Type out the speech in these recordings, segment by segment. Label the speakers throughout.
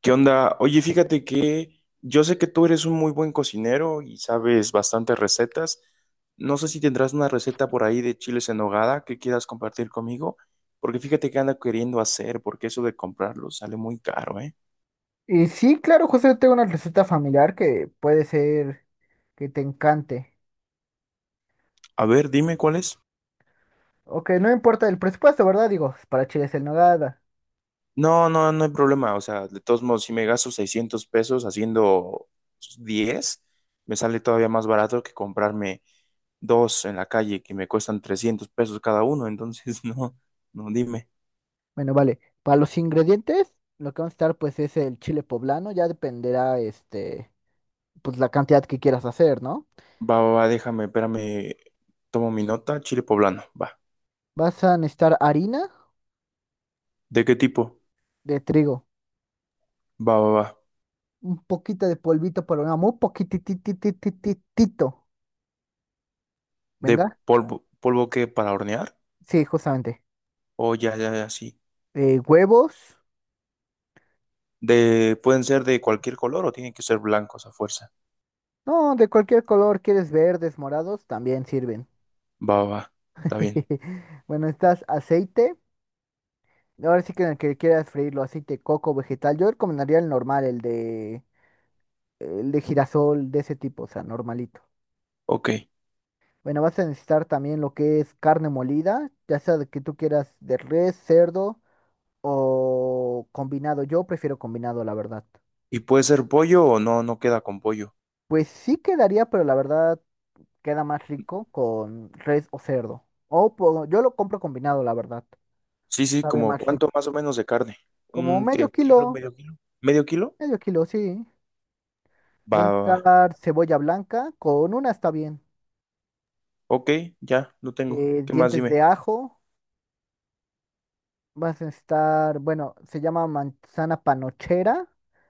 Speaker 1: ¿Qué onda? Oye, fíjate que yo sé que tú eres un muy buen cocinero y sabes bastantes recetas. No sé si tendrás una receta por ahí de chiles en nogada que quieras compartir conmigo, porque fíjate que ando queriendo hacer, porque eso de comprarlo sale muy caro, ¿eh?
Speaker 2: Y sí, claro, José, tengo una receta familiar que puede ser que te encante.
Speaker 1: A ver, dime cuál es.
Speaker 2: O que no importa el presupuesto, ¿verdad? Digo, para chiles en nogada.
Speaker 1: No, no, no hay problema. O sea, de todos modos, si me gasto 600 pesos haciendo 10, me sale todavía más barato que comprarme dos en la calle que me cuestan 300 pesos cada uno. Entonces, no, no, dime.
Speaker 2: Bueno, vale. Para los ingredientes, lo que vamos a estar pues es el chile poblano. Ya dependerá, pues la cantidad que quieras hacer, ¿no?
Speaker 1: Va, va, va, déjame, espérame. Tomo mi nota, chile poblano. Va.
Speaker 2: Vas a necesitar harina
Speaker 1: ¿De qué tipo?
Speaker 2: de trigo,
Speaker 1: Va, va, va.
Speaker 2: un poquito de polvito para una muy poquitititititito.
Speaker 1: ¿De
Speaker 2: Venga.
Speaker 1: polvo, polvo que para hornear?
Speaker 2: Sí, justamente.
Speaker 1: O ya, ya, ya, sí.
Speaker 2: Huevos.
Speaker 1: De, ¿pueden ser de cualquier color o tienen que ser blancos a fuerza?
Speaker 2: No, de cualquier color, quieres verdes, morados, también sirven.
Speaker 1: Va, va, va. Está bien.
Speaker 2: Bueno, estás aceite. Ahora sí que en el que quieras freírlo, aceite, coco, vegetal. Yo recomendaría el normal, el de girasol, de ese tipo, o sea, normalito.
Speaker 1: Ok.
Speaker 2: Bueno, vas a necesitar también lo que es carne molida, ya sea de que tú quieras de res, cerdo o combinado. Yo prefiero combinado, la verdad.
Speaker 1: ¿Y puede ser pollo o no? No queda con pollo.
Speaker 2: Pues sí quedaría, pero la verdad queda más rico con res o cerdo. Yo lo compro combinado, la verdad.
Speaker 1: Sí, sí,
Speaker 2: Sabe
Speaker 1: como
Speaker 2: más rico.
Speaker 1: cuánto más o menos de carne.
Speaker 2: Como
Speaker 1: ¿Un qué? ¿Kilo, medio kilo? ¿Medio kilo?
Speaker 2: medio kilo, sí. Va
Speaker 1: Va,
Speaker 2: a
Speaker 1: va, va.
Speaker 2: estar cebolla blanca, con una está bien.
Speaker 1: Ok, ya, lo tengo. ¿Qué más
Speaker 2: Dientes
Speaker 1: dime?
Speaker 2: de ajo, vas a estar, bueno, se llama manzana panochera,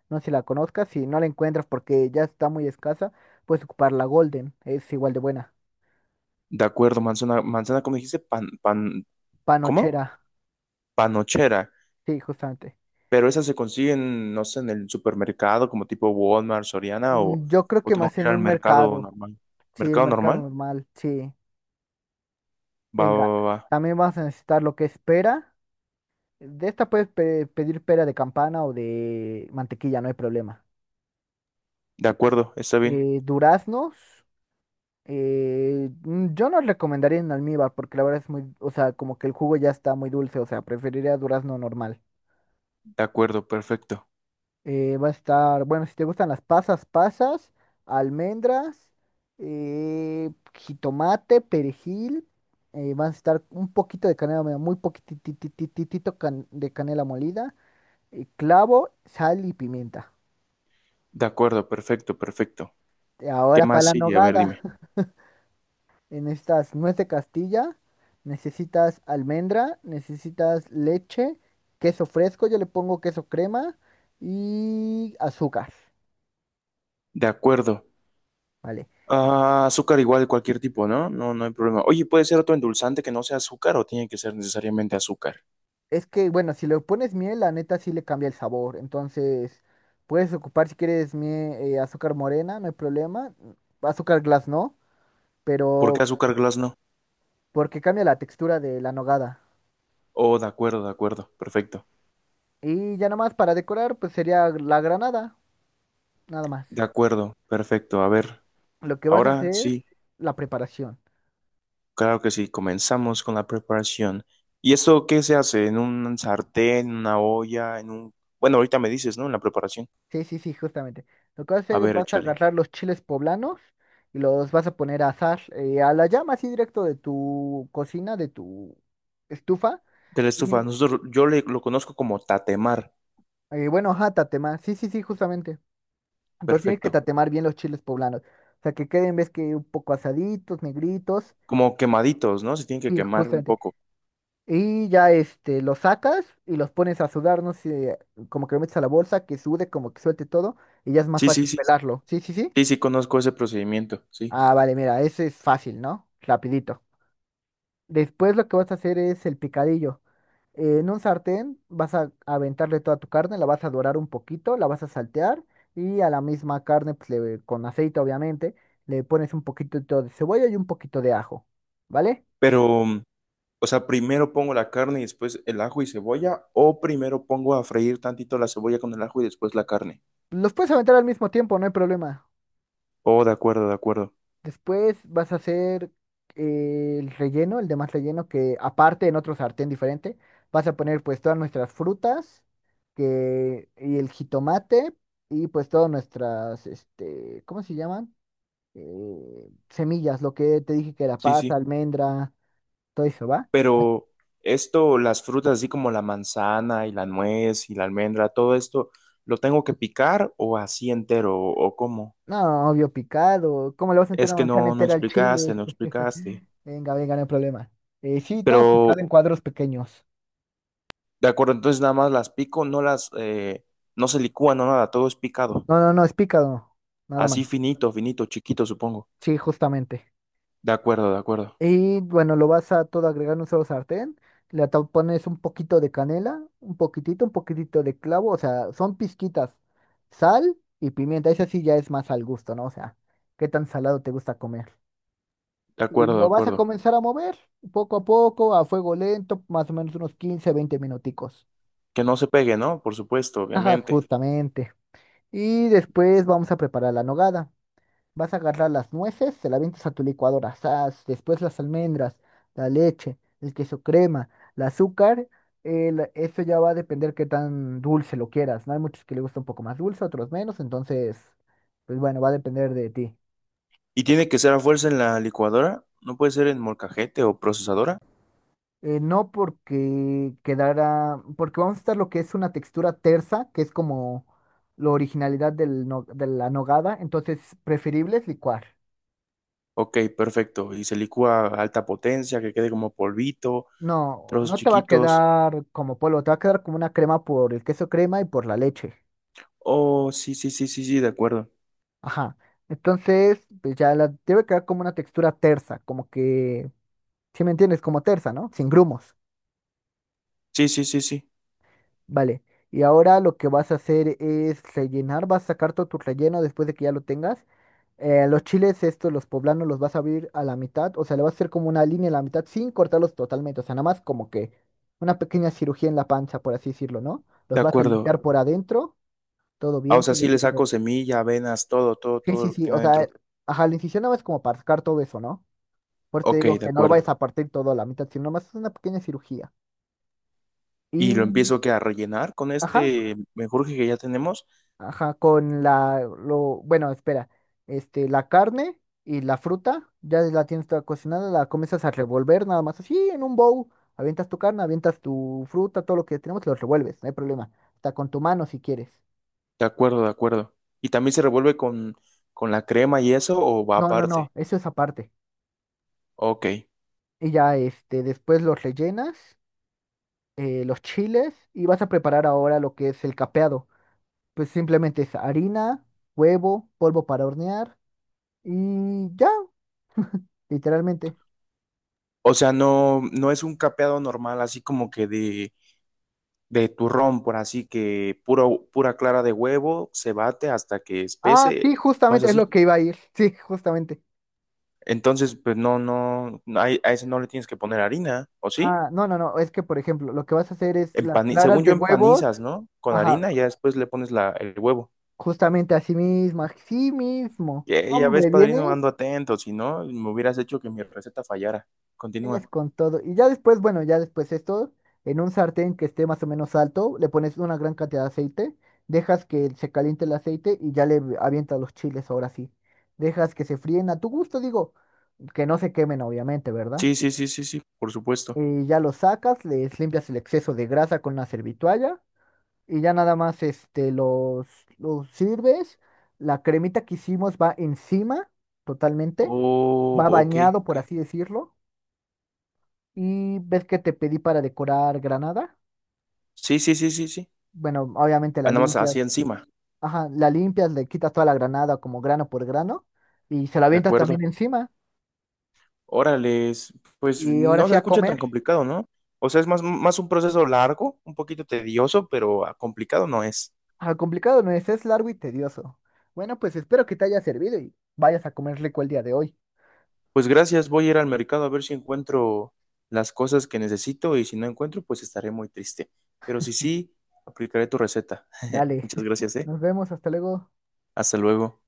Speaker 2: no sé si la conozcas, si no la encuentras porque ya está muy escasa, puedes ocupar la Golden, es igual de buena.
Speaker 1: De acuerdo, manzana, manzana, ¿cómo dijiste? Pan, pan, ¿cómo?
Speaker 2: Panochera,
Speaker 1: Panochera,
Speaker 2: sí, justamente.
Speaker 1: pero esas se consiguen, no sé, en el supermercado como tipo Walmart, Soriana
Speaker 2: Mm, yo creo
Speaker 1: o
Speaker 2: que
Speaker 1: tengo
Speaker 2: más
Speaker 1: que ir
Speaker 2: en
Speaker 1: al
Speaker 2: un
Speaker 1: mercado
Speaker 2: mercado,
Speaker 1: normal.
Speaker 2: sí, el
Speaker 1: ¿Mercado
Speaker 2: mercado
Speaker 1: normal?
Speaker 2: normal, sí.
Speaker 1: Va, va,
Speaker 2: Venga,
Speaker 1: va. Va.
Speaker 2: también vas a necesitar lo que es pera. De esta puedes pedir pera de campana o de mantequilla, no hay problema.
Speaker 1: De acuerdo, está bien.
Speaker 2: Duraznos. Yo no recomendaría en almíbar porque la verdad es muy, o sea, como que el jugo ya está muy dulce, o sea, preferiría durazno normal.
Speaker 1: De acuerdo, perfecto.
Speaker 2: Va a estar, bueno, si te gustan las pasas, pasas, almendras, eh, jitomate, perejil, va a estar un poquito de canela, mira, muy poquititititito de canela molida, clavo, sal y pimienta.
Speaker 1: De acuerdo, perfecto, perfecto. ¿Qué
Speaker 2: Ahora para
Speaker 1: más
Speaker 2: la
Speaker 1: sigue? A ver,
Speaker 2: nogada.
Speaker 1: dime.
Speaker 2: En estas nuez de Castilla, necesitas almendra, necesitas leche, queso fresco, yo le pongo queso crema y azúcar,
Speaker 1: De acuerdo.
Speaker 2: ¿vale?
Speaker 1: Ah, azúcar igual, cualquier tipo, ¿no? No, no hay problema. Oye, ¿puede ser otro endulzante que no sea azúcar o tiene que ser necesariamente azúcar?
Speaker 2: Es que, bueno, si le pones miel, la neta sí le cambia el sabor. Entonces, puedes ocupar si quieres azúcar morena, no hay problema. Azúcar glass no,
Speaker 1: ¿Por qué
Speaker 2: pero
Speaker 1: azúcar glass no?
Speaker 2: porque cambia la textura de la nogada.
Speaker 1: Oh, de acuerdo, perfecto.
Speaker 2: Y ya nomás para decorar, pues sería la granada, nada más.
Speaker 1: De acuerdo, perfecto. A ver,
Speaker 2: Lo que vas a
Speaker 1: ahora
Speaker 2: hacer,
Speaker 1: sí.
Speaker 2: la preparación.
Speaker 1: Claro que sí, comenzamos con la preparación. ¿Y esto qué se hace? ¿En un sartén, en una olla, en un... Bueno, ahorita me dices, ¿no? En la preparación.
Speaker 2: Sí, sí, sí, justamente. Lo que vas a
Speaker 1: A
Speaker 2: hacer es
Speaker 1: ver,
Speaker 2: vas a
Speaker 1: échale.
Speaker 2: agarrar los chiles poblanos y los vas a poner a asar a la llama así directo de tu cocina, de tu estufa.
Speaker 1: De la estufa,
Speaker 2: Y
Speaker 1: nosotros, lo conozco como tatemar.
Speaker 2: bueno, ajá, tatemar. Sí, sí, sí, justamente. Entonces tienes que
Speaker 1: Perfecto.
Speaker 2: tatemar bien los chiles poblanos. O sea, que queden, ves que un poco asaditos, negritos.
Speaker 1: Como quemaditos, ¿no? Se tienen que
Speaker 2: Sí,
Speaker 1: quemar un
Speaker 2: justamente.
Speaker 1: poco.
Speaker 2: Y ya este, los sacas y los pones a sudar, no sé, como que lo metes a la bolsa, que sude, como que suelte todo, y ya es más
Speaker 1: Sí, sí,
Speaker 2: fácil
Speaker 1: sí.
Speaker 2: pelarlo. Sí, sí, sí.
Speaker 1: Sí, sí, conozco ese procedimiento, sí.
Speaker 2: Ah, vale, mira, ese es fácil, ¿no? Rapidito. Después lo que vas a hacer es el picadillo. En un sartén vas a aventarle toda tu carne, la vas a dorar un poquito, la vas a saltear y a la misma carne, pues, con aceite obviamente, le pones un poquito de cebolla y un poquito de ajo, ¿vale?
Speaker 1: Pero, o sea, primero pongo la carne y después el ajo y cebolla, o primero pongo a freír tantito la cebolla con el ajo y después la carne.
Speaker 2: Los puedes aventar al mismo tiempo, no hay problema.
Speaker 1: Oh, de acuerdo, de acuerdo.
Speaker 2: Después vas a hacer el relleno, el demás relleno que aparte en otro sartén diferente, vas a poner pues todas nuestras frutas que, y el jitomate y pues todas nuestras, este, ¿cómo se llaman? Semillas, lo que te dije que era
Speaker 1: Sí,
Speaker 2: pasa,
Speaker 1: sí.
Speaker 2: almendra, todo eso, ¿va?
Speaker 1: Pero esto, las frutas así como la manzana y la nuez y la almendra, todo esto, ¿lo tengo que picar o así entero o cómo?
Speaker 2: No, obvio picado. ¿Cómo le vas a meter
Speaker 1: Es
Speaker 2: una
Speaker 1: que
Speaker 2: manzana
Speaker 1: no, no
Speaker 2: entera al
Speaker 1: explicaste,
Speaker 2: chile?
Speaker 1: no explicaste.
Speaker 2: Venga, venga, no hay problema. Sí, todo
Speaker 1: Pero,
Speaker 2: picado en cuadros pequeños.
Speaker 1: de acuerdo, entonces nada más las pico, no las, no se licúan, no nada, todo es picado.
Speaker 2: No, no, no, es picado, nada más.
Speaker 1: Así finito, finito, chiquito, supongo.
Speaker 2: Sí, justamente.
Speaker 1: De acuerdo, de acuerdo,
Speaker 2: Y bueno, lo vas a todo agregar en un solo sartén. Pones un poquito de canela, un poquitito de clavo. O sea, son pizquitas. Sal y pimienta. Eso sí ya es más al gusto, ¿no? O sea, qué tan salado te gusta comer.
Speaker 1: de
Speaker 2: Y
Speaker 1: acuerdo, de
Speaker 2: lo vas a
Speaker 1: acuerdo.
Speaker 2: comenzar a mover poco a poco, a fuego lento, más o menos unos 15-20 minuticos.
Speaker 1: Que no se pegue, ¿no? Por supuesto,
Speaker 2: Ajá,
Speaker 1: obviamente.
Speaker 2: justamente. Y después vamos a preparar la nogada. Vas a agarrar las nueces, se las avientas a tu licuadora, ¡zas! Después las almendras, la leche, el queso crema, el azúcar. Eso ya va a depender qué tan dulce lo quieras, ¿no? Hay muchos que les gusta un poco más dulce, otros menos, entonces, pues bueno, va a depender de ti.
Speaker 1: ¿Y tiene que ser a fuerza en la licuadora? ¿No puede ser en molcajete o procesadora?
Speaker 2: No porque quedara, porque vamos a estar lo que es una textura tersa, que es como la originalidad del no- de la nogada, entonces preferible es licuar.
Speaker 1: Ok, perfecto. Y se licúa a alta potencia, que quede como polvito,
Speaker 2: No,
Speaker 1: trozos
Speaker 2: no te va a
Speaker 1: chiquitos.
Speaker 2: quedar como polvo, te va a quedar como una crema por el queso crema y por la leche.
Speaker 1: Oh, sí, sí, sí, sí, sí, de acuerdo.
Speaker 2: Ajá. Entonces, pues ya la debe quedar como una textura tersa, como que, si me entiendes, como tersa, ¿no? Sin grumos.
Speaker 1: Sí, sí, sí, sí,
Speaker 2: Vale. Y ahora lo que vas a hacer es rellenar, vas a sacar todo tu relleno después de que ya lo tengas. Los chiles estos, los poblanos, los vas a abrir a la mitad, o sea, le vas a hacer como una línea a la mitad sin cortarlos totalmente, o sea, nada más como que una pequeña cirugía en la panza, por así decirlo, ¿no?
Speaker 1: de
Speaker 2: Los vas a
Speaker 1: acuerdo.
Speaker 2: limpiar por adentro. Todo
Speaker 1: Ah, o
Speaker 2: bien,
Speaker 1: sea,
Speaker 2: todo
Speaker 1: sí le saco
Speaker 2: lindo.
Speaker 1: semilla, avenas, todo, todo,
Speaker 2: Sí,
Speaker 1: todo
Speaker 2: sí,
Speaker 1: lo que
Speaker 2: sí. O
Speaker 1: tenga
Speaker 2: sea,
Speaker 1: dentro.
Speaker 2: ajá, la incisión no es como para sacar todo eso, ¿no? Por eso te
Speaker 1: Ok,
Speaker 2: digo
Speaker 1: de
Speaker 2: que no lo
Speaker 1: acuerdo.
Speaker 2: vayas a partir todo a la mitad, sino más es una pequeña cirugía.
Speaker 1: Y lo
Speaker 2: Y,
Speaker 1: empiezo que a rellenar con
Speaker 2: ajá,
Speaker 1: este menjurje que ya tenemos.
Speaker 2: ajá, con la, lo, bueno, espera, la carne y la fruta, ya la tienes toda cocinada, la comienzas a revolver nada más así en un bowl. Avientas tu carne, avientas tu fruta, todo lo que tenemos, lo revuelves, no hay problema. Hasta con tu mano si quieres.
Speaker 1: De acuerdo, de acuerdo. Y también se revuelve con la crema y eso, o va
Speaker 2: No, no,
Speaker 1: aparte.
Speaker 2: no, eso es aparte.
Speaker 1: Ok.
Speaker 2: Y ya, este, después los rellenas los chiles y vas a preparar ahora lo que es el capeado. Pues simplemente es harina, huevo, polvo para hornear y ya, literalmente.
Speaker 1: O sea, no, no es un capeado normal, así como que de turrón, por así que puro, pura clara de huevo se bate hasta que
Speaker 2: Ah,
Speaker 1: espese,
Speaker 2: sí,
Speaker 1: no es
Speaker 2: justamente es
Speaker 1: así.
Speaker 2: lo que iba a ir. Sí, justamente.
Speaker 1: Entonces, pues no, no, a ese no le tienes que poner harina, ¿o sí?
Speaker 2: Ah, no, no, no, es que por ejemplo, lo que vas a hacer es las claras
Speaker 1: Según yo
Speaker 2: de huevos,
Speaker 1: empanizas, ¿no? Con
Speaker 2: ajá,
Speaker 1: harina y ya después le pones la, el huevo.
Speaker 2: justamente así mismo, así mismo.
Speaker 1: Ya, ves,
Speaker 2: Hombre,
Speaker 1: padrino,
Speaker 2: ¿vienes?
Speaker 1: ando atento, si no, me hubieras hecho que mi receta fallara. Continúa.
Speaker 2: Vienes con todo. Y ya después, bueno, ya después esto, en un sartén que esté más o menos alto, le pones una gran cantidad de aceite, dejas que se caliente el aceite y ya le avientas los chiles ahora sí. Dejas que se fríen a tu gusto, digo, que no se quemen obviamente, ¿verdad?
Speaker 1: Sí, sí, sí, sí, sí, por supuesto.
Speaker 2: Y ya los sacas, les limpias el exceso de grasa con una servitualla y ya nada más los sirves. La cremita que hicimos va encima totalmente,
Speaker 1: Oh,
Speaker 2: va
Speaker 1: ok,
Speaker 2: bañado,
Speaker 1: ok.
Speaker 2: por así decirlo. Y ves que te pedí para decorar granada.
Speaker 1: Sí, sí, sí, sí, sí.
Speaker 2: Bueno, obviamente
Speaker 1: Ah,
Speaker 2: la
Speaker 1: nada más
Speaker 2: limpias.
Speaker 1: así encima,
Speaker 2: Ajá, la limpias, le quitas toda la granada como grano por grano y se la
Speaker 1: ¿de
Speaker 2: avientas
Speaker 1: acuerdo?
Speaker 2: también encima.
Speaker 1: Órales, pues
Speaker 2: Y ahora
Speaker 1: no se
Speaker 2: sí a
Speaker 1: escucha tan
Speaker 2: comer.
Speaker 1: complicado, ¿no? O sea, es más, más un proceso largo, un poquito tedioso, pero ah, complicado no es.
Speaker 2: Ah, complicado no es, es largo y tedioso. Bueno, pues espero que te haya servido y vayas a comer rico el día de hoy.
Speaker 1: Pues gracias, voy a ir al mercado a ver si encuentro las cosas que necesito y si no encuentro, pues estaré muy triste. Pero si sí, aplicaré tu receta.
Speaker 2: Dale,
Speaker 1: Muchas gracias, ¿eh?
Speaker 2: nos vemos, hasta luego.
Speaker 1: Hasta luego.